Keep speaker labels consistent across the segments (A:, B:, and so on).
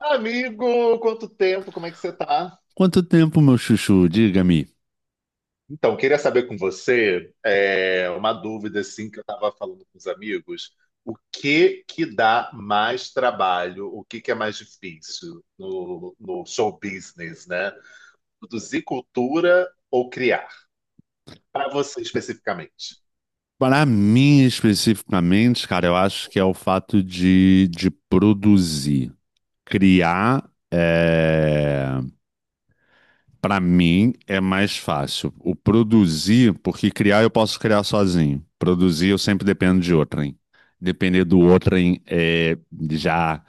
A: Amigo, quanto tempo, como é que você tá?
B: Quanto tempo, meu chuchu? Diga-me.
A: Então, queria saber com você, uma dúvida assim que eu estava falando com os amigos, o que que dá mais trabalho, o que que é mais difícil no show business, né? Produzir cultura ou criar? Para você especificamente.
B: Para mim, especificamente, cara, eu acho que é o fato de produzir. Criar, é... para mim, é mais fácil. O produzir, porque criar eu posso criar sozinho. Produzir eu sempre dependo de outrem. Depender do outrem, já,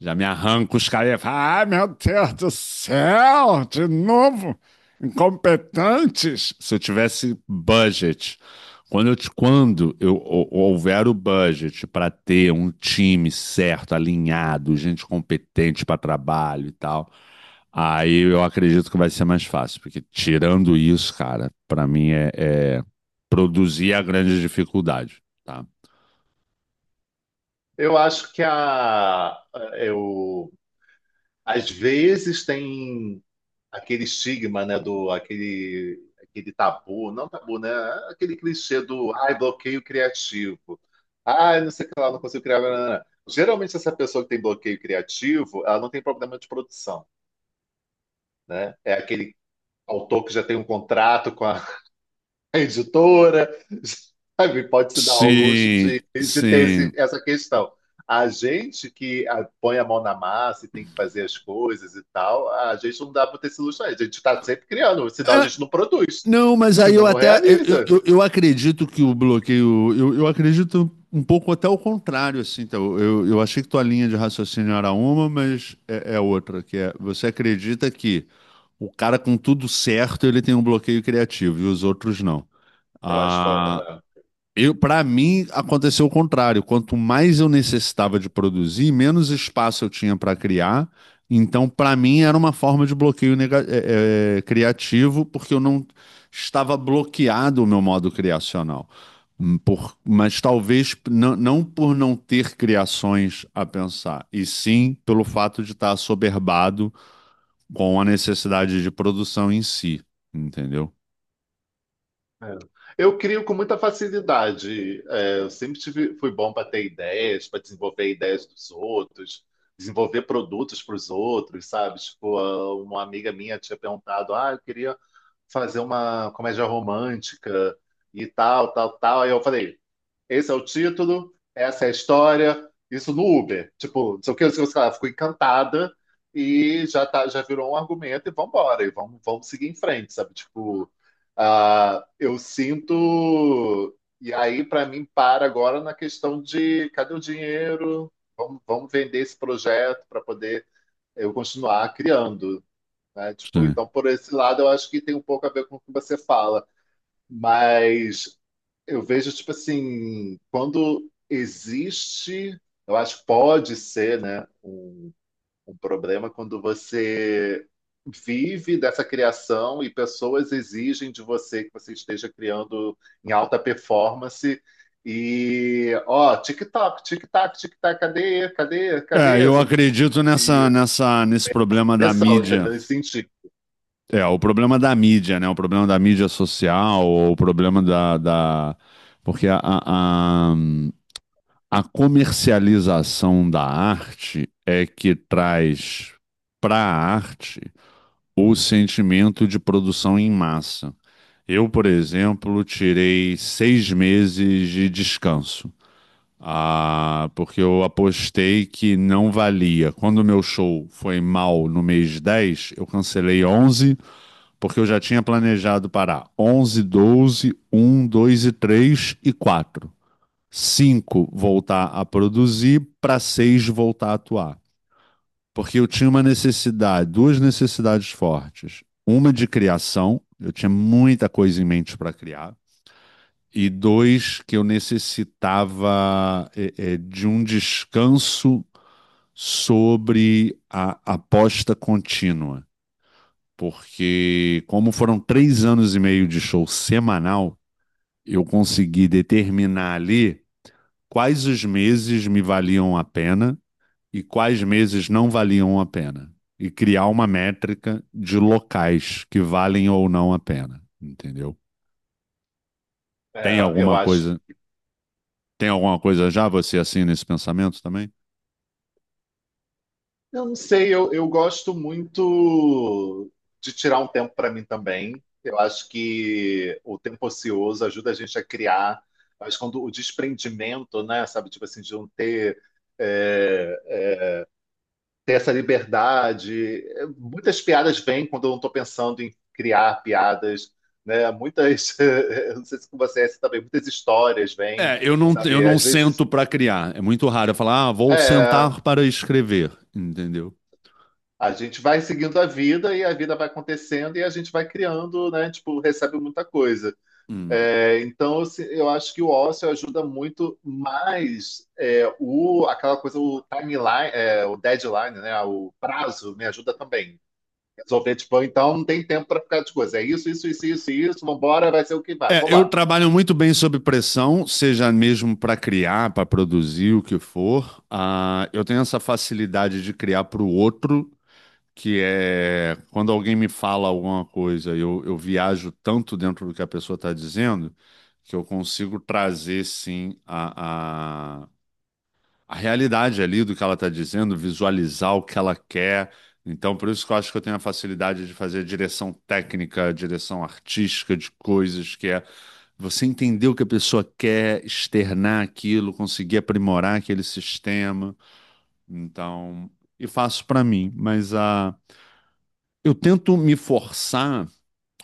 B: já me arranco os caras e falo, ai meu Deus do céu, de novo, incompetentes. Se eu tivesse budget. Quando houver o budget para ter um time certo, alinhado, gente competente para trabalho e tal, aí eu acredito que vai ser mais fácil, porque tirando isso, cara, para mim produzir é a grande dificuldade, tá?
A: Eu acho que a, eu Às vezes tem aquele estigma, né, do aquele tabu, não tabu, né, aquele clichê do ai, bloqueio criativo. Ai, não sei o que lá, não consigo criar. Blá, blá, blá. Geralmente essa pessoa que tem bloqueio criativo, ela não tem problema de produção, né? É aquele autor que já tem um contrato com a editora, sabe? Pode se dar ao luxo
B: Sim,
A: de ter
B: sim.
A: essa questão. A gente que ah, põe a mão na massa e tem que fazer as coisas e tal, a gente não dá para ter esse luxo. Aí. A gente está sempre criando, senão a
B: É,
A: gente não produz,
B: não, mas aí
A: senão
B: eu
A: não
B: até eu,
A: realiza.
B: eu, eu acredito que o bloqueio. Eu acredito um pouco até o contrário, assim. Então, eu achei que tua linha de raciocínio era uma, mas é outra, que é você acredita que o cara com tudo certo ele tem um bloqueio criativo e os outros não.
A: Eu acho que
B: Ah,
A: ah,
B: para mim, aconteceu o contrário. Quanto mais eu necessitava de produzir, menos espaço eu tinha para criar. Então, para mim, era uma forma de bloqueio criativo, porque eu não estava bloqueado o meu modo criacional. Mas talvez não por não ter criações a pensar, e sim pelo fato de estar assoberbado com a necessidade de produção em si, entendeu?
A: é. Eu crio com muita facilidade. É, eu sempre tive, fui bom para ter ideias, para desenvolver ideias dos outros, desenvolver produtos para os outros, sabe? Tipo, ah, uma amiga minha tinha perguntado, ah, eu queria fazer uma comédia romântica e tal, tal, tal. Aí eu falei, esse é o título, essa é a história, isso no Uber. Tipo, não sei o que, não sei o que lá. Fico encantada e já, tá, já virou um argumento e vambora, e vamos, vamos seguir em frente, sabe? Tipo, ah, eu sinto... E aí, para mim, para agora na questão de cadê o dinheiro? Vamos, vamos vender esse projeto para poder eu continuar criando, né? Tipo,
B: Sim.
A: então por esse lado eu acho que tem um pouco a ver com o que você fala, mas eu vejo tipo assim, quando existe, eu acho que pode ser, né, um problema quando você vive dessa criação e pessoas exigem de você que você esteja criando em alta performance. E, ó, tic-tac, tic-tac, tic-tac, cadê, cadê,
B: É,
A: cadê?
B: eu
A: Sabe, tipo,
B: acredito nessa,
A: e
B: nessa, nesse problema da
A: pressão,
B: mídia.
A: entendeu? Nesse sentido.
B: É, o problema da mídia, né? O problema da mídia social, ou o problema da. Porque a comercialização da arte é que traz para a arte o sentimento de produção em massa. Eu, por exemplo, tirei 6 meses de descanso. Ah, porque eu apostei que não valia. Quando o meu show foi mal no mês 10, eu cancelei 11, porque eu já tinha planejado parar 11, 12, um, dois e 3 e 4, 5 voltar a produzir, para 6 voltar a atuar. Porque eu tinha uma necessidade, duas necessidades fortes. Uma de criação, eu tinha muita coisa em mente para criar. E dois, que eu necessitava de um descanso sobre a aposta contínua. Porque, como foram 3 anos e meio de show semanal, eu consegui determinar ali quais os meses me valiam a pena e quais meses não valiam a pena. E criar uma métrica de locais que valem ou não a pena, entendeu? Tem
A: É, eu
B: alguma
A: acho
B: coisa, já você assim nesse pensamento também?
A: Eu não sei, eu gosto muito de tirar um tempo para mim também. Eu acho que o tempo ocioso ajuda a gente a criar, mas quando o desprendimento, né, sabe, tipo assim, de não ter, é, ter essa liberdade. É, muitas piadas vêm quando eu não estou pensando em criar piadas, né? Muitas, eu não sei se com você é assim também, muitas histórias vêm,
B: É, eu não, eu
A: sabe?
B: não
A: Às
B: sento
A: vezes,
B: para criar. É muito raro eu falar, ah, vou
A: é,
B: sentar para escrever, entendeu?
A: a gente vai seguindo a vida e a vida vai acontecendo e a gente vai criando, né? Tipo, recebe muita coisa.
B: Hum.
A: É, então, assim, eu acho que o ócio ajuda muito mais aquela coisa, o timeline, o deadline, né? O prazo me ajuda também. Resolver, tipo, então não tem tempo para ficar de coisa. É isso, isso, isso, isso, isso, vambora, vai ser o que vai,
B: É, eu
A: vambora.
B: trabalho muito bem sob pressão, seja mesmo para criar, para produzir, o que for. Ah, eu tenho essa facilidade de criar para o outro, que é quando alguém me fala alguma coisa, eu viajo tanto dentro do que a pessoa está dizendo, que eu consigo trazer, sim, a realidade ali do que ela está dizendo, visualizar o que ela quer. Então, por isso que eu acho que eu tenho a facilidade de fazer direção técnica, direção artística de coisas, que é você entender o que a pessoa quer, externar aquilo, conseguir aprimorar aquele sistema. Então, e faço para mim, mas a eu tento me forçar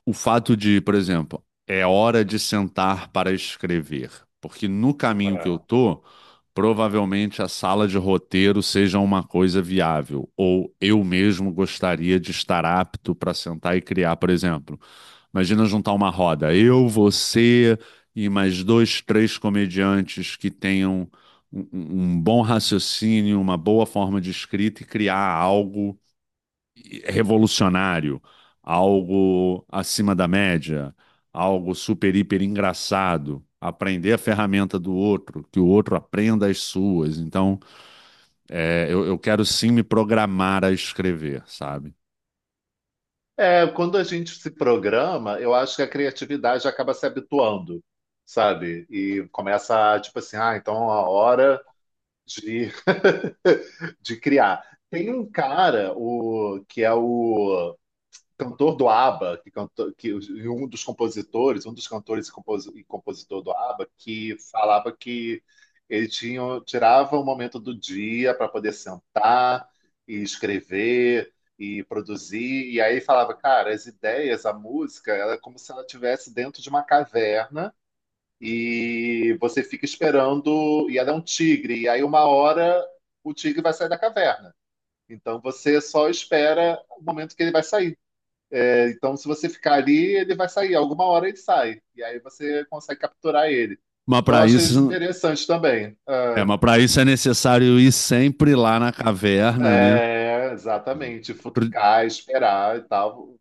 B: o fato de, por exemplo, é hora de sentar para escrever, porque no caminho que eu
A: É.
B: tô, provavelmente a sala de roteiro seja uma coisa viável, ou eu mesmo gostaria de estar apto para sentar e criar, por exemplo. Imagina juntar uma roda, eu, você e mais dois, três comediantes que tenham um bom raciocínio, uma boa forma de escrita e criar algo revolucionário, algo acima da média, algo super, hiper engraçado. Aprender a ferramenta do outro, que o outro aprenda as suas. Então, eu quero sim me programar a escrever, sabe?
A: É, quando a gente se programa, eu acho que a criatividade acaba se habituando, sabe? E começa, tipo assim, ah, então a hora de, de criar. Tem um cara, o, que é o cantor do ABBA, que, cantou, que e um dos compositores, um dos cantores e, e compositor do ABBA, que falava que ele tinha, tirava um momento do dia para poder sentar e escrever e produzir. E aí falava, cara, as ideias, a música, ela é como se ela estivesse dentro de uma caverna e você fica esperando, e ela é um tigre, e aí uma hora o tigre vai sair da caverna. Então você só espera o momento que ele vai sair. É, então, se você ficar ali, ele vai sair, alguma hora ele sai, e aí você consegue capturar ele.
B: Mas
A: Então, eu
B: para
A: achei isso
B: isso,
A: interessante também.
B: é,
A: Ah,
B: mas para isso é necessário ir sempre lá na caverna, né?
A: é,
B: Hum.
A: exatamente,
B: Pro-
A: futucar, esperar e tal.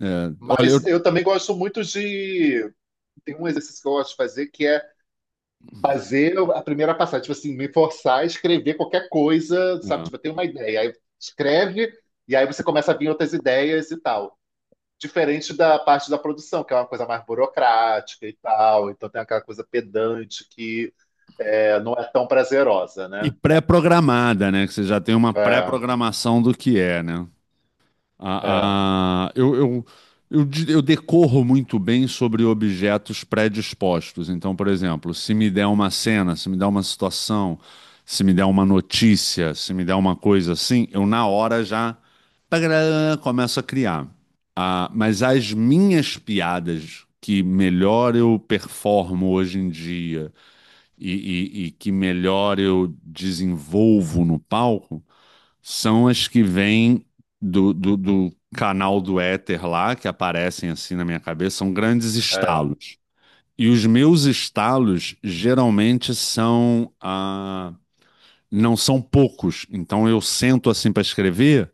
B: olha,
A: Mas eu também gosto muito de. Tem um exercício que eu gosto de fazer que é fazer a primeira passagem, tipo assim, me forçar a escrever qualquer coisa, sabe?
B: É.
A: Tipo, eu tenho uma ideia, aí escreve, e aí você começa a vir outras ideias e tal. Diferente da parte da produção, que é uma coisa mais burocrática e tal, então tem aquela coisa pedante que é, não é tão prazerosa,
B: E
A: né?
B: pré-programada, né? Que você já tem uma
A: É,
B: pré-programação do que é, né?
A: é,
B: A, a- eu, eu, eu decorro muito bem sobre objetos predispostos. Então, por exemplo, se me der uma cena, se me der uma situação, se me der uma notícia, se me der uma coisa assim, eu na hora já tagará, começo a criar. Ah, mas as minhas piadas que melhor eu performo hoje em dia e, e que melhor eu desenvolvo no palco são as que vêm do canal do éter lá, que aparecem assim na minha cabeça, são grandes
A: é,
B: estalos. E os meus estalos geralmente são. Ah, não são poucos. Então eu sento assim para escrever.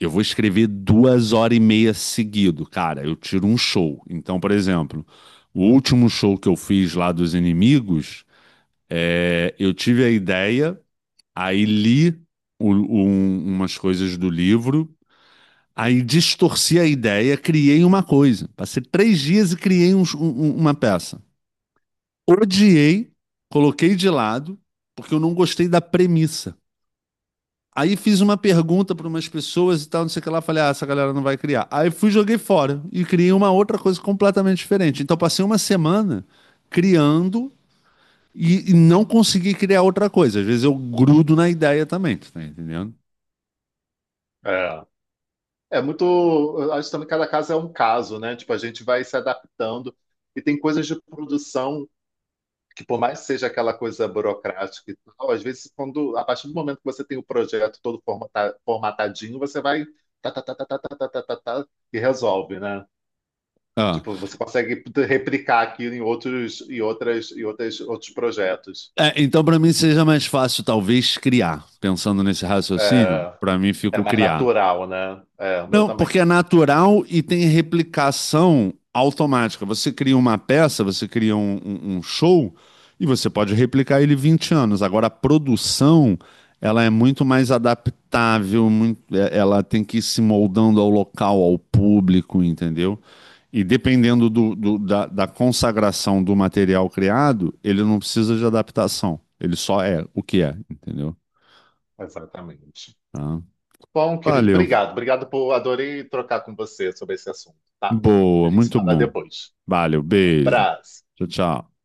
B: Eu vou escrever 2 horas e meia seguido, cara. Eu tiro um show. Então, por exemplo, o último show que eu fiz lá dos inimigos, eu tive a ideia, aí li umas coisas do livro. Aí distorci a ideia, criei uma coisa. Passei 3 dias e criei uma peça. Odiei, coloquei de lado, porque eu não gostei da premissa. Aí fiz uma pergunta para umas pessoas e tal, não sei o que lá. Falei, ah, essa galera não vai criar. Aí fui, joguei fora e criei uma outra coisa completamente diferente. Então passei uma semana criando e não consegui criar outra coisa. Às vezes eu grudo na ideia também, tu tá entendendo?
A: é. É muito. Eu acho também que cada caso é um caso, né? Tipo, a gente vai se adaptando. E tem coisas de produção que por mais que seja aquela coisa burocrática e tal, às vezes quando a partir do momento que você tem o projeto todo formatadinho, você vai tá, tá, tá, tá, tá, tá, tá, tá, tá, tá, e resolve, né?
B: Ah.
A: Tipo, você consegue replicar aquilo em outros e outras outros projetos.
B: É, então, para mim, seja mais fácil, talvez, criar. Pensando nesse raciocínio,
A: É,
B: para mim
A: é
B: fica o
A: mais
B: criar.
A: natural, né? É, o meu
B: Não, porque
A: também.
B: é natural e tem replicação automática. Você cria uma peça, você cria um show e você pode replicar ele 20 anos. Agora, a produção, ela é muito mais adaptável, ela tem que ir se moldando ao local, ao público, entendeu? E dependendo da consagração do material criado, ele não precisa de adaptação. Ele só é o que é, entendeu?
A: Exatamente.
B: Tá?
A: Bom, querido,
B: Valeu.
A: obrigado. Obrigado por adorei trocar com você sobre esse assunto, tá? A
B: Boa,
A: gente se
B: muito
A: fala
B: bom.
A: depois.
B: Valeu,
A: Um
B: beijo.
A: abraço.
B: Tchau, tchau.